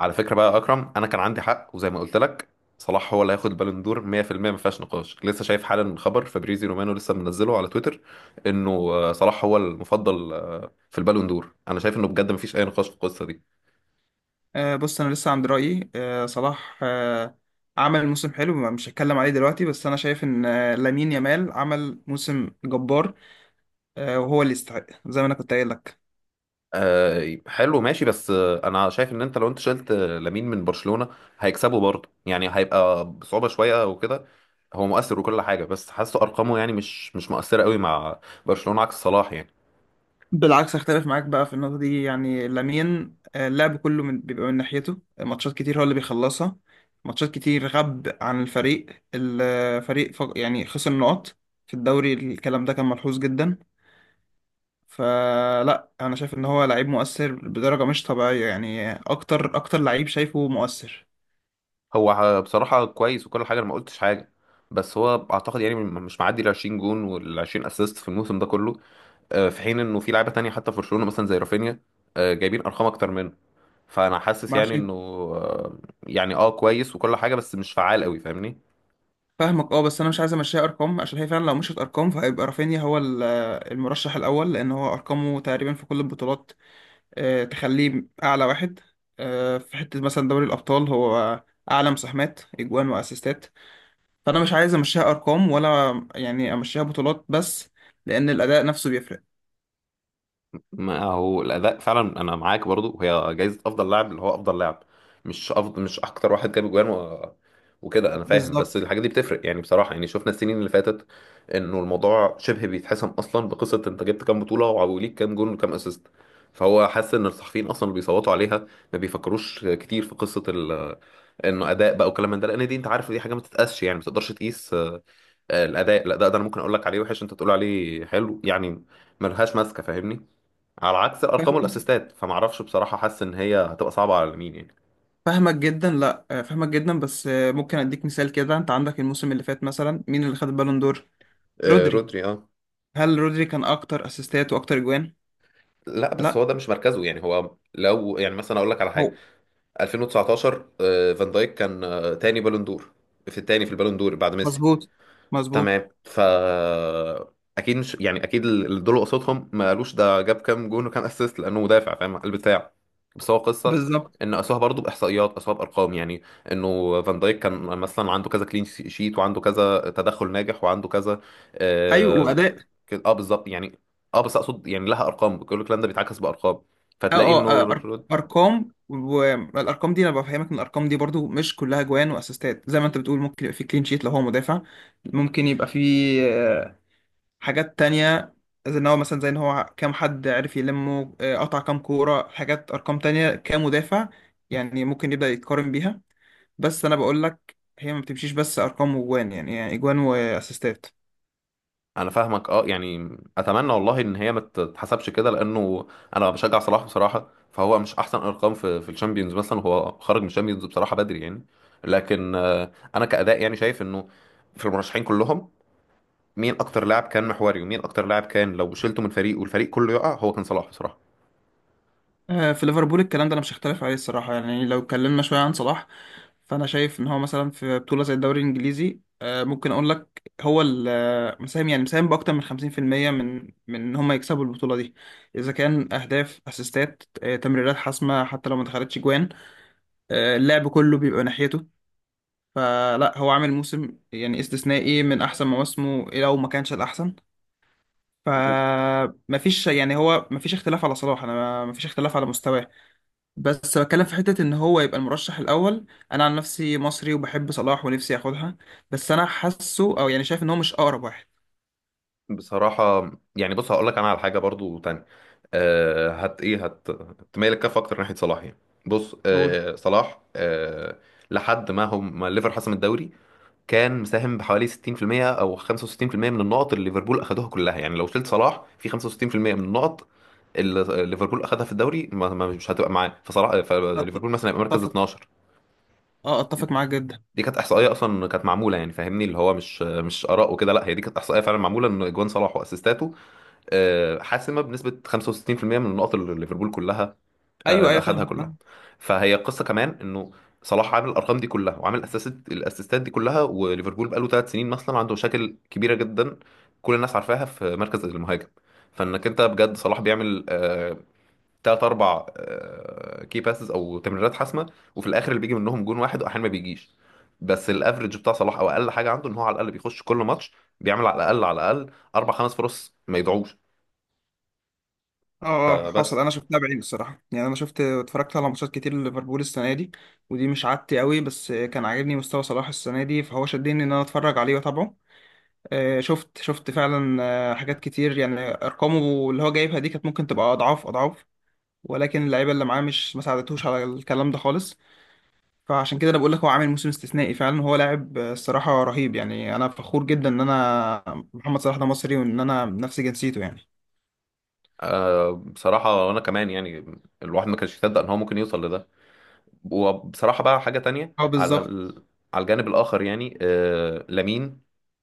على فكرة بقى يا أكرم، أنا كان عندي حق وزي ما قلت لك، صلاح هو اللي هياخد البالون دور 100%. ما فيهاش نقاش. لسه شايف حالا خبر فابريزي رومانو لسه منزله على تويتر إنه صلاح هو المفضل في البالون دور. أنا شايف إنه بجد ما فيش أي نقاش في القصة دي. بص، انا لسه عند رايي. صلاح عمل موسم حلو، مش هتكلم عليه دلوقتي، بس انا شايف ان لامين يامال عمل موسم جبار وهو اللي يستحق زي ما انا كنت قايل لك. حلو، ماشي. بس أنا شايف إن لو أنت شلت لامين من برشلونة هيكسبه برضه. يعني هيبقى بصعوبة شوية وكده. هو مؤثر وكل حاجة، بس حاسه أرقامه يعني مش مؤثرة قوي مع برشلونة عكس صلاح يعني. بالعكس، اختلف معاك بقى في النقطه دي. يعني لامين اللعب كله بيبقى من ناحيته. ماتشات كتير هو اللي بيخلصها، ماتشات كتير غاب عن الفريق. الفريق يعني خسر نقط في الدوري، الكلام ده كان ملحوظ جدا. فلا، انا شايف ان هو لعيب مؤثر بدرجه مش طبيعيه. يعني اكتر اكتر لعيب شايفه مؤثر. هو بصراحة كويس وكل حاجة، أنا ما قلتش حاجة، بس هو أعتقد يعني مش معدي ال 20 جون وال 20 أسيست في الموسم ده كله. في حين إنه في لعيبة تانية حتى في برشلونة مثلا زي رافينيا جايبين أرقام أكتر منه. فأنا حاسس ما يعني عشان. إنه، آه، يعني أه كويس وكل حاجة، بس مش فعال أوي، فاهمني؟ فاهمك، اه، بس انا مش عايز امشيها ارقام، عشان هي فعلا لو مشيت ارقام فهيبقى رافينيا هو المرشح الاول، لان هو ارقامه تقريبا في كل البطولات تخليه اعلى واحد. في حته مثلا دوري الابطال هو اعلى مساهمات اجوان واسيستات. فانا مش عايز امشيها ارقام ولا يعني امشيها بطولات بس، لان الاداء نفسه بيفرق. ما هو الاداء فعلا، انا معاك. برضو هي جايزه افضل لاعب، اللي هو افضل لاعب، مش افضل، مش اكتر واحد جاب جوان و... وكده، انا فاهم. بس بالظبط. الحاجات دي بتفرق يعني، بصراحه يعني شفنا السنين اللي فاتت، انه الموضوع شبه بيتحسم اصلا بقصه انت جبت كام بطوله وليك كام جون وكام اسيست. فهو حاسس ان الصحفيين اصلا اللي بيصوتوا عليها ما بيفكروش كتير في قصه ال... انه اداء بقى وكلام من ده، لان دي انت عارف دي حاجه ما تتقاسش، يعني ما تقدرش تقيس. الاداء ده انا ممكن اقول لك عليه وحش، انت تقول عليه حلو، يعني ملهاش ماسكه فاهمني. على عكس ارقامه الاسيستات، فمعرفش بصراحه، حاسس ان هي هتبقى صعبه على مين يعني. فاهمك جدا. لا، فاهمك جدا بس. ممكن اديك مثال كده. انت عندك الموسم اللي فات مثلا، مين اللي خد البالون دور؟ آه، رودري. رودري، اه. هل رودري كان اكتر اسيستات واكتر اجوان؟ لا بس هو لا، ده مش مركزه، يعني هو لو يعني مثلا اقول لك على حاجه، هو. 2019 فان دايك كان تاني بالون دور، في التاني في البالون دور بعد ميسي. مظبوط، مظبوط. تمام. اكيد مش، يعني اكيد اللي دول قصتهم ما قالوش ده جاب كام جون وكام اسيست لانه مدافع، فاهم البتاع. بس هو قصه بالظبط. ان قاسوها برضه باحصائيات، قاسوها بارقام يعني، انه فان دايك كان مثلا عنده كذا كلين شيت وعنده كذا تدخل ناجح وعنده كذا. ايوه، اه. واداء. بالظبط يعني. اه بس اقصد يعني لها ارقام، كل الكلام ده بيتعكس بارقام، اه، فتلاقي اه، انه ارقام. والارقام دي انا بفهمك ان الارقام دي برضو مش كلها جوان واسيستات زي ما انت بتقول، ممكن يبقى في كلين شيت لو هو مدافع، ممكن يبقى في حاجات تانية. زي ان هو كام حد عرف يلمه، قطع كام كورة، حاجات ارقام تانية كمدافع يعني ممكن يبدأ يتقارن بيها. بس انا بقول لك هي ما بتمشيش بس ارقام واجوان. يعني اجوان واسيستات. انا فاهمك. اه يعني اتمنى والله ان هي ما تتحسبش كده، لانه انا بشجع صلاح بصراحه. فهو مش احسن ارقام في الشامبيونز مثلا، هو خرج من الشامبيونز بصراحه بدري يعني. لكن انا كاداء يعني شايف انه في المرشحين كلهم، مين اكتر لاعب كان محوري، ومين اكتر لاعب كان لو شلته من فريق والفريق كله يقع، هو كان صلاح بصراحه. في ليفربول الكلام ده انا مش هختلف عليه الصراحه. يعني لو اتكلمنا شويه عن صلاح، فانا شايف ان هو مثلا في بطوله زي الدوري الانجليزي ممكن اقول لك هو مساهم، يعني مساهم باكتر من 50% من ان هم يكسبوا البطوله دي، اذا كان اهداف، اسيستات، تمريرات حاسمه حتى لو ما دخلتش جوان. اللعب كله بيبقى ناحيته. فلا، هو عامل موسم يعني استثنائي، من احسن مواسمه لو ما كانش الاحسن. و- فمفيش، يعني هو مفيش اختلاف على صلاح، انا مفيش اختلاف على مستواه. بس بتكلم في حتة إن هو يبقى المرشح الأول. أنا عن نفسي مصري وبحب صلاح ونفسي ياخدها، بس أنا حاسه، أو يعني شايف، إن هو مش أقرب واحد. بصراحه يعني، بص هقول لك انا على حاجه برضو تاني. أه هت ايه هت تميل الكف اكتر ناحيه صلاح يعني. بص، قول. صلاح، لحد ما هم ما ليفر حسم الدوري كان مساهم بحوالي 60% او 65% من النقط اللي ليفربول اخذوها كلها. يعني لو شلت صلاح في 65% من النقط اللي ليفربول اخذها في الدوري، مش هتبقى معاه. أت- فليفربول مثلا يبقى مركز أتفق. 12. أه، أتفق معاك جدا. دي كانت احصائيه اصلا كانت معموله، يعني فاهمني اللي هو مش اراء وكده، لا هي دي كانت احصائيه فعلا معموله ان اجوان صلاح واسيستاته حاسمه بنسبه 65% من النقط اللي ليفربول كلها أيوه، اللي أيوه، اخذها فاهمك، كلها. فاهم. فهي القصه كمان انه صلاح عامل الارقام دي كلها، وعامل الاسيستات دي كلها، وليفربول بقاله ثلاث سنين مثلا عنده مشاكل كبيره جدا، كل الناس عارفاها في مركز المهاجم. فانك انت بجد صلاح بيعمل تلات اربع كي باسز او تمريرات حاسمه، وفي الاخر اللي بيجي منهم جون واحد واحيانا ما بيجيش. بس الافرج بتاع صلاح او اقل حاجه عنده ان هو على الاقل بيخش كل ماتش بيعمل على الاقل على الاقل اربع خمس فرص ما يضيعوش. أه، أه، آه، حصل. بس أنا شفتها بعيني الصراحة. يعني أنا اتفرجت على ماتشات كتير لليفربول السنة دي، ودي مش عادتي قوي، بس كان عاجبني مستوى صلاح السنة دي فهو شدني إن أنا أتفرج عليه وأتابعه. شفت فعلا حاجات كتير. يعني أرقامه اللي هو جايبها دي كانت ممكن تبقى أضعاف أضعاف، ولكن اللعيبه اللي معاه مش ما ساعدتهوش على الكلام ده خالص. فعشان كده انا بقول لك هو عامل موسم استثنائي فعلا. هو لاعب الصراحه رهيب. يعني انا فخور جدا ان انا محمد صلاح ده مصري وان انا نفس جنسيته يعني. أه بصراحة أنا كمان يعني الواحد ما كانش يصدق إن هو ممكن يوصل لده. وبصراحة بقى حاجة تانية اه، على بالظبط. ال... على الجانب الآخر يعني، لامين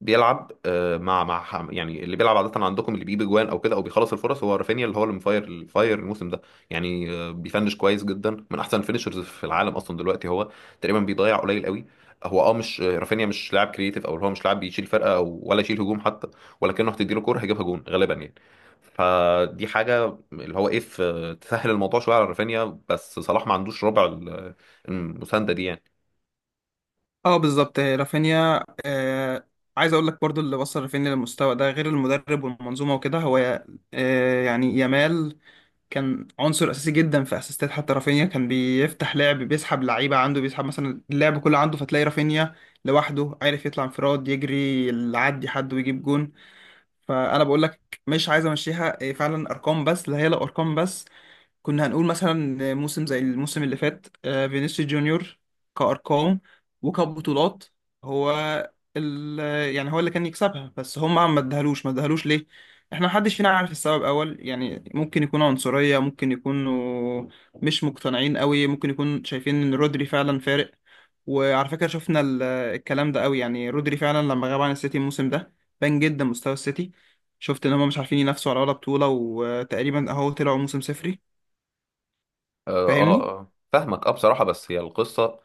بيلعب مع يعني اللي بيلعب عادة عندكم اللي بيجيب جوان أو كده أو بيخلص الفرص هو رافينيا، اللي الفاير الموسم ده يعني. بيفنش كويس جدا، من أحسن الفينشرز في العالم أصلا دلوقتي هو، تقريبا بيضيع قليل قوي. هو اه مش آه، رافينيا مش لاعب كريتيف، او اللي هو مش لاعب بيشيل فرقه او ولا يشيل هجوم حتى. ولكنه هتديله كوره هيجيبها جون غالبا يعني، فدي حاجه اللي هو ايه تسهل الموضوع شويه على رافينيا. بس صلاح ما عندوش ربع المسانده دي يعني. اه، بالظبط. رافينيا. عايز اقول لك برضو، اللي وصل رافينيا للمستوى ده غير المدرب والمنظومه وكده، هو يعني يامال كان عنصر اساسي جدا في اسيستات. حتى رافينيا كان بيفتح لعب، بيسحب لعيبه عنده، بيسحب مثلا اللعب كله عنده، فتلاقي رافينيا لوحده عارف يطلع انفراد، يجري، يعدي حد ويجيب جون. فانا بقول لك مش عايز امشيها إيه، فعلا ارقام بس. لا، هي لا ارقام بس. كنا هنقول مثلا موسم زي الموسم اللي فات فينيسيوس جونيور، كأرقام وكبطولات، هو ال يعني هو اللي كان يكسبها، بس هم ما ادهلوش، ما ادهلوش ليه؟ احنا محدش فينا عارف السبب اول، يعني ممكن يكون عنصرية، ممكن يكونوا مش مقتنعين قوي، ممكن يكون شايفين ان رودري فعلا فارق. وعلى فكرة شفنا الكلام ده قوي، يعني رودري فعلا لما غاب عن السيتي الموسم ده بان جدا مستوى السيتي. شفت ان هم مش عارفين ينافسوا على ولا بطولة، وتقريبا اهو طلعوا موسم صفري. اه، اه، فاهمني. آه. فاهمك اه بصراحه، بس هي القصه.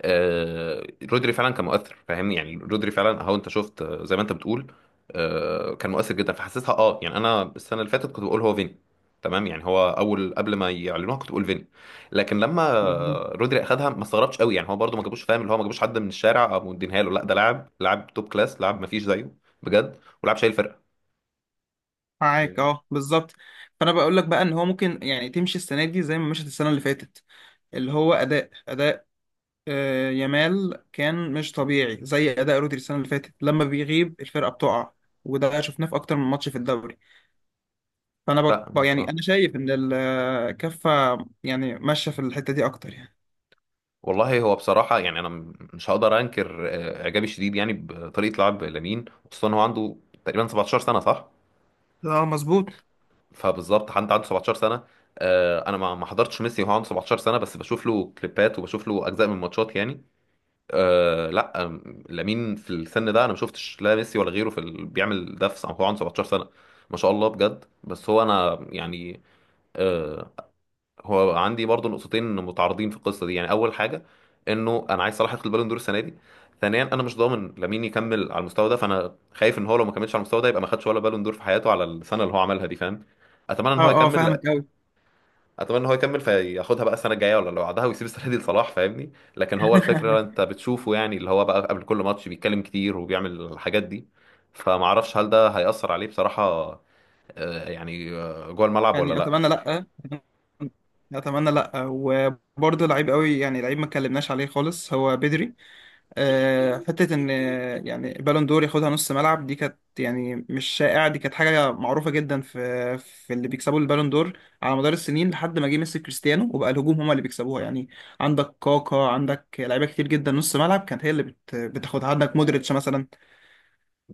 رودري فعلا كان مؤثر، فاهمني. يعني رودري فعلا اهو انت شفت، زي ما انت بتقول، كان مؤثر جدا. فحسيتها اه، يعني انا السنه اللي فاتت كنت بقول هو فيني، تمام، يعني هو اول قبل ما يعلنوها كنت بقول فيني. لكن لما بالظبط. رودري اخدها ما استغربتش قوي، يعني هو برده ما جابوش، فاهم اللي هو ما جابوش حد من الشارع او مدينها له، لا ده لاعب، لاعب توب كلاس، لاعب ما فيش زيه بجد، ولاعب شايل فرقه. معاك، اه، بالظبط. فانا بقول لك بقى ان هو ممكن يعني تمشي السنه دي زي ما مشت السنه اللي فاتت، اللي هو اداء اداء يامال كان مش طبيعي، زي اداء رودري السنه اللي فاتت لما بيغيب الفرقه بتقع. وده شفناه في اكتر من ماتش في الدوري. فانا فاهمك يعني اه. انا شايف ان الكفه يعني ماشيه في الحته دي اكتر يعني. والله هو بصراحة يعني أنا مش هقدر أنكر إعجابي الشديد يعني بطريقة لعب لامين. خصوصا هو عنده تقريبا 17 سنة، صح؟ اه، مظبوط. فبالظبط حد عنده 17 سنة، أنا ما حضرتش ميسي وهو عنده 17 سنة، بس بشوف له كليبات وبشوف له أجزاء من ماتشات يعني. لا لامين في السن ده أنا ما شفتش لا ميسي ولا غيره في ال... بيعمل ده في هو عنده 17 سنة، ما شاء الله بجد. بس هو أنا يعني، آه، هو عندي برضو نقطتين متعارضين في القصه دي يعني. اول حاجه انه انا عايز صلاح ياخد البالون دور السنه دي. ثانيا انا مش ضامن لامين يكمل على المستوى ده، فانا خايف ان هو لو ما كملش على المستوى ده يبقى ما خدش ولا بالون دور في حياته على السنه اللي هو عملها دي، فاهم؟ اتمنى ان هو اه، اه، يكمل. فاهمك لا. قوي. اتمنى ان هو يكمل فياخدها بقى السنه الجايه ولا اللي بعدها، ويسيب السنه دي لصلاح فاهمني. لكن هو الفكره انت بتشوفه يعني، اللي هو بقى قبل كل ماتش بيتكلم كتير وبيعمل الحاجات دي، فما اعرفش هل ده هيأثر عليه بصراحه يعني جوه الملعب ولا يعني لا. اتمنى لا، اتمنى لا. وبرضه لعيب قوي، يعني لعيب ما اتكلمناش عليه خالص، هو بدري. أه، حته ان يعني بالون دور ياخدها نص ملعب، دي كانت يعني مش شائعه، دي كانت حاجه معروفه جدا في اللي بيكسبوا البالون دور على مدار السنين، لحد ما جه ميسي كريستيانو وبقى الهجوم هما اللي بيكسبوها يعني. عندك كاكا، عندك لعيبه كتير جدا نص ملعب كانت هي اللي بتاخدها. عندك مودريتش مثلا،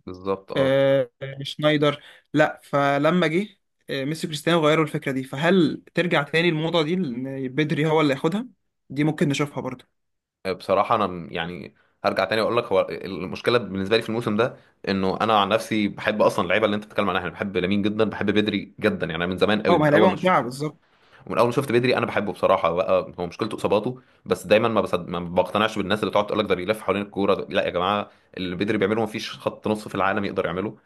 بالظبط اه. آه، شنايدر. لا، فلما جه ميسي كريستيانو غيروا الفكرة دي. فهل ترجع تاني الموضة دي إن بدري هو اللي ياخدها؟ دي ممكن نشوفها برضه. بصراحة أنا يعني هرجع تاني وأقول لك، هو المشكلة بالنسبة لي في الموسم ده إنه أنا عن نفسي بحب أصلا اللعيبة اللي أنت بتتكلم عنها، أنا بحب لامين جدا، بحب بدري جدا، يعني أنا من زمان قوي اه، ما من هي أول لعيبة ما ممتعة. شفت. بالظبط. ومن اول ما شفت بدري انا بحبه بصراحه. بقى هو مشكلته اصاباته بس، دايما ما بقتنعش بالناس اللي بتقعد تقول لك ده بيلف حوالين الكوره، ده... لا يا جماعه، اللي بدري بيعمله ما فيش خط نص في العالم يقدر يعمله.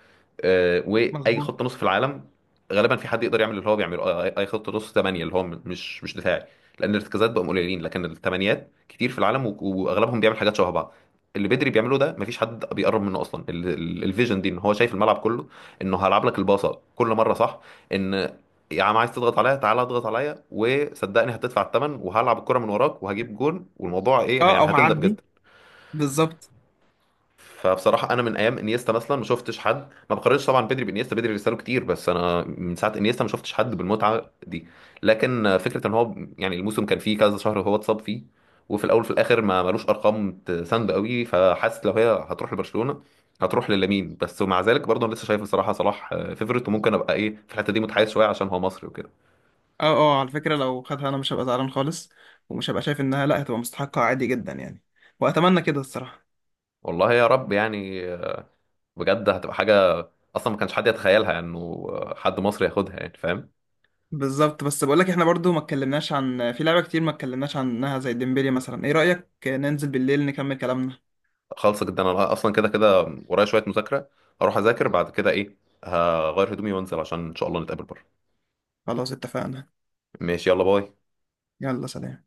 واي مظبوط. خط نص في العالم غالبا في حد يقدر يعمل اللي هو بيعمله. آه، اي أي خط نص ثمانيه اللي هو مش دفاعي. لان الارتكازات بقوا قليلين، لكن الثمانيات كتير في العالم و... واغلبهم بيعمل حاجات شبه بعض. اللي بدري بيعمله ده مفيش حد بيقرب منه اصلا، الفيجن دي ان هو شايف الملعب كله، انه هلعب لك الباصه كل مره صح، ان يا عم عايز تضغط عليا تعالى اضغط عليا وصدقني هتدفع الثمن، وهلعب الكرة من وراك وهجيب جون، والموضوع ايه اه، او يعني، هتندم هعدي. جدا. بالظبط. فبصراحة أنا من أيام إنيستا مثلا ما شفتش حد، ما بقارنش طبعا بدري بإنيستا، بدري رساله كتير، بس أنا من ساعة إنيستا ما شفتش حد بالمتعة دي. لكن فكرة إن هو يعني الموسم كان فيه كذا شهر هو اتصاب فيه، وفي الأول وفي الآخر ما ملوش أرقام تساند قوي، فحاسس لو هي هتروح لبرشلونة هتروح للامين بس. ومع ذلك برضه أنا لسه شايف بصراحة صلاح فيفرت، وممكن أبقى إيه في الحتة دي متحيز شوية عشان هو مصري وكده. اه، اه، على فكرة لو خدها انا مش هبقى زعلان خالص، ومش هبقى شايف انها لا هتبقى مستحقة، عادي جدا يعني. واتمنى كده الصراحة. والله يا رب يعني، بجد هتبقى حاجة أصلا ما كانش حد يتخيلها، يعني إنه حد مصري ياخدها، يعني فاهم؟ بالظبط. بس بقول لك احنا برضو ما اتكلمناش عن في لعبة كتير ما اتكلمناش عنها، زي ديمبلي مثلا. ايه رأيك ننزل بالليل نكمل كلامنا؟ خالصة جدا، أنا أصلا كده كده ورايا شوية مذاكرة، هروح أذاكر بعد كده، إيه، هغير هدومي وأنزل عشان إن شاء الله نتقابل بره. خلاص، اتفقنا. ماشي، يلا باي. يلا، سلام.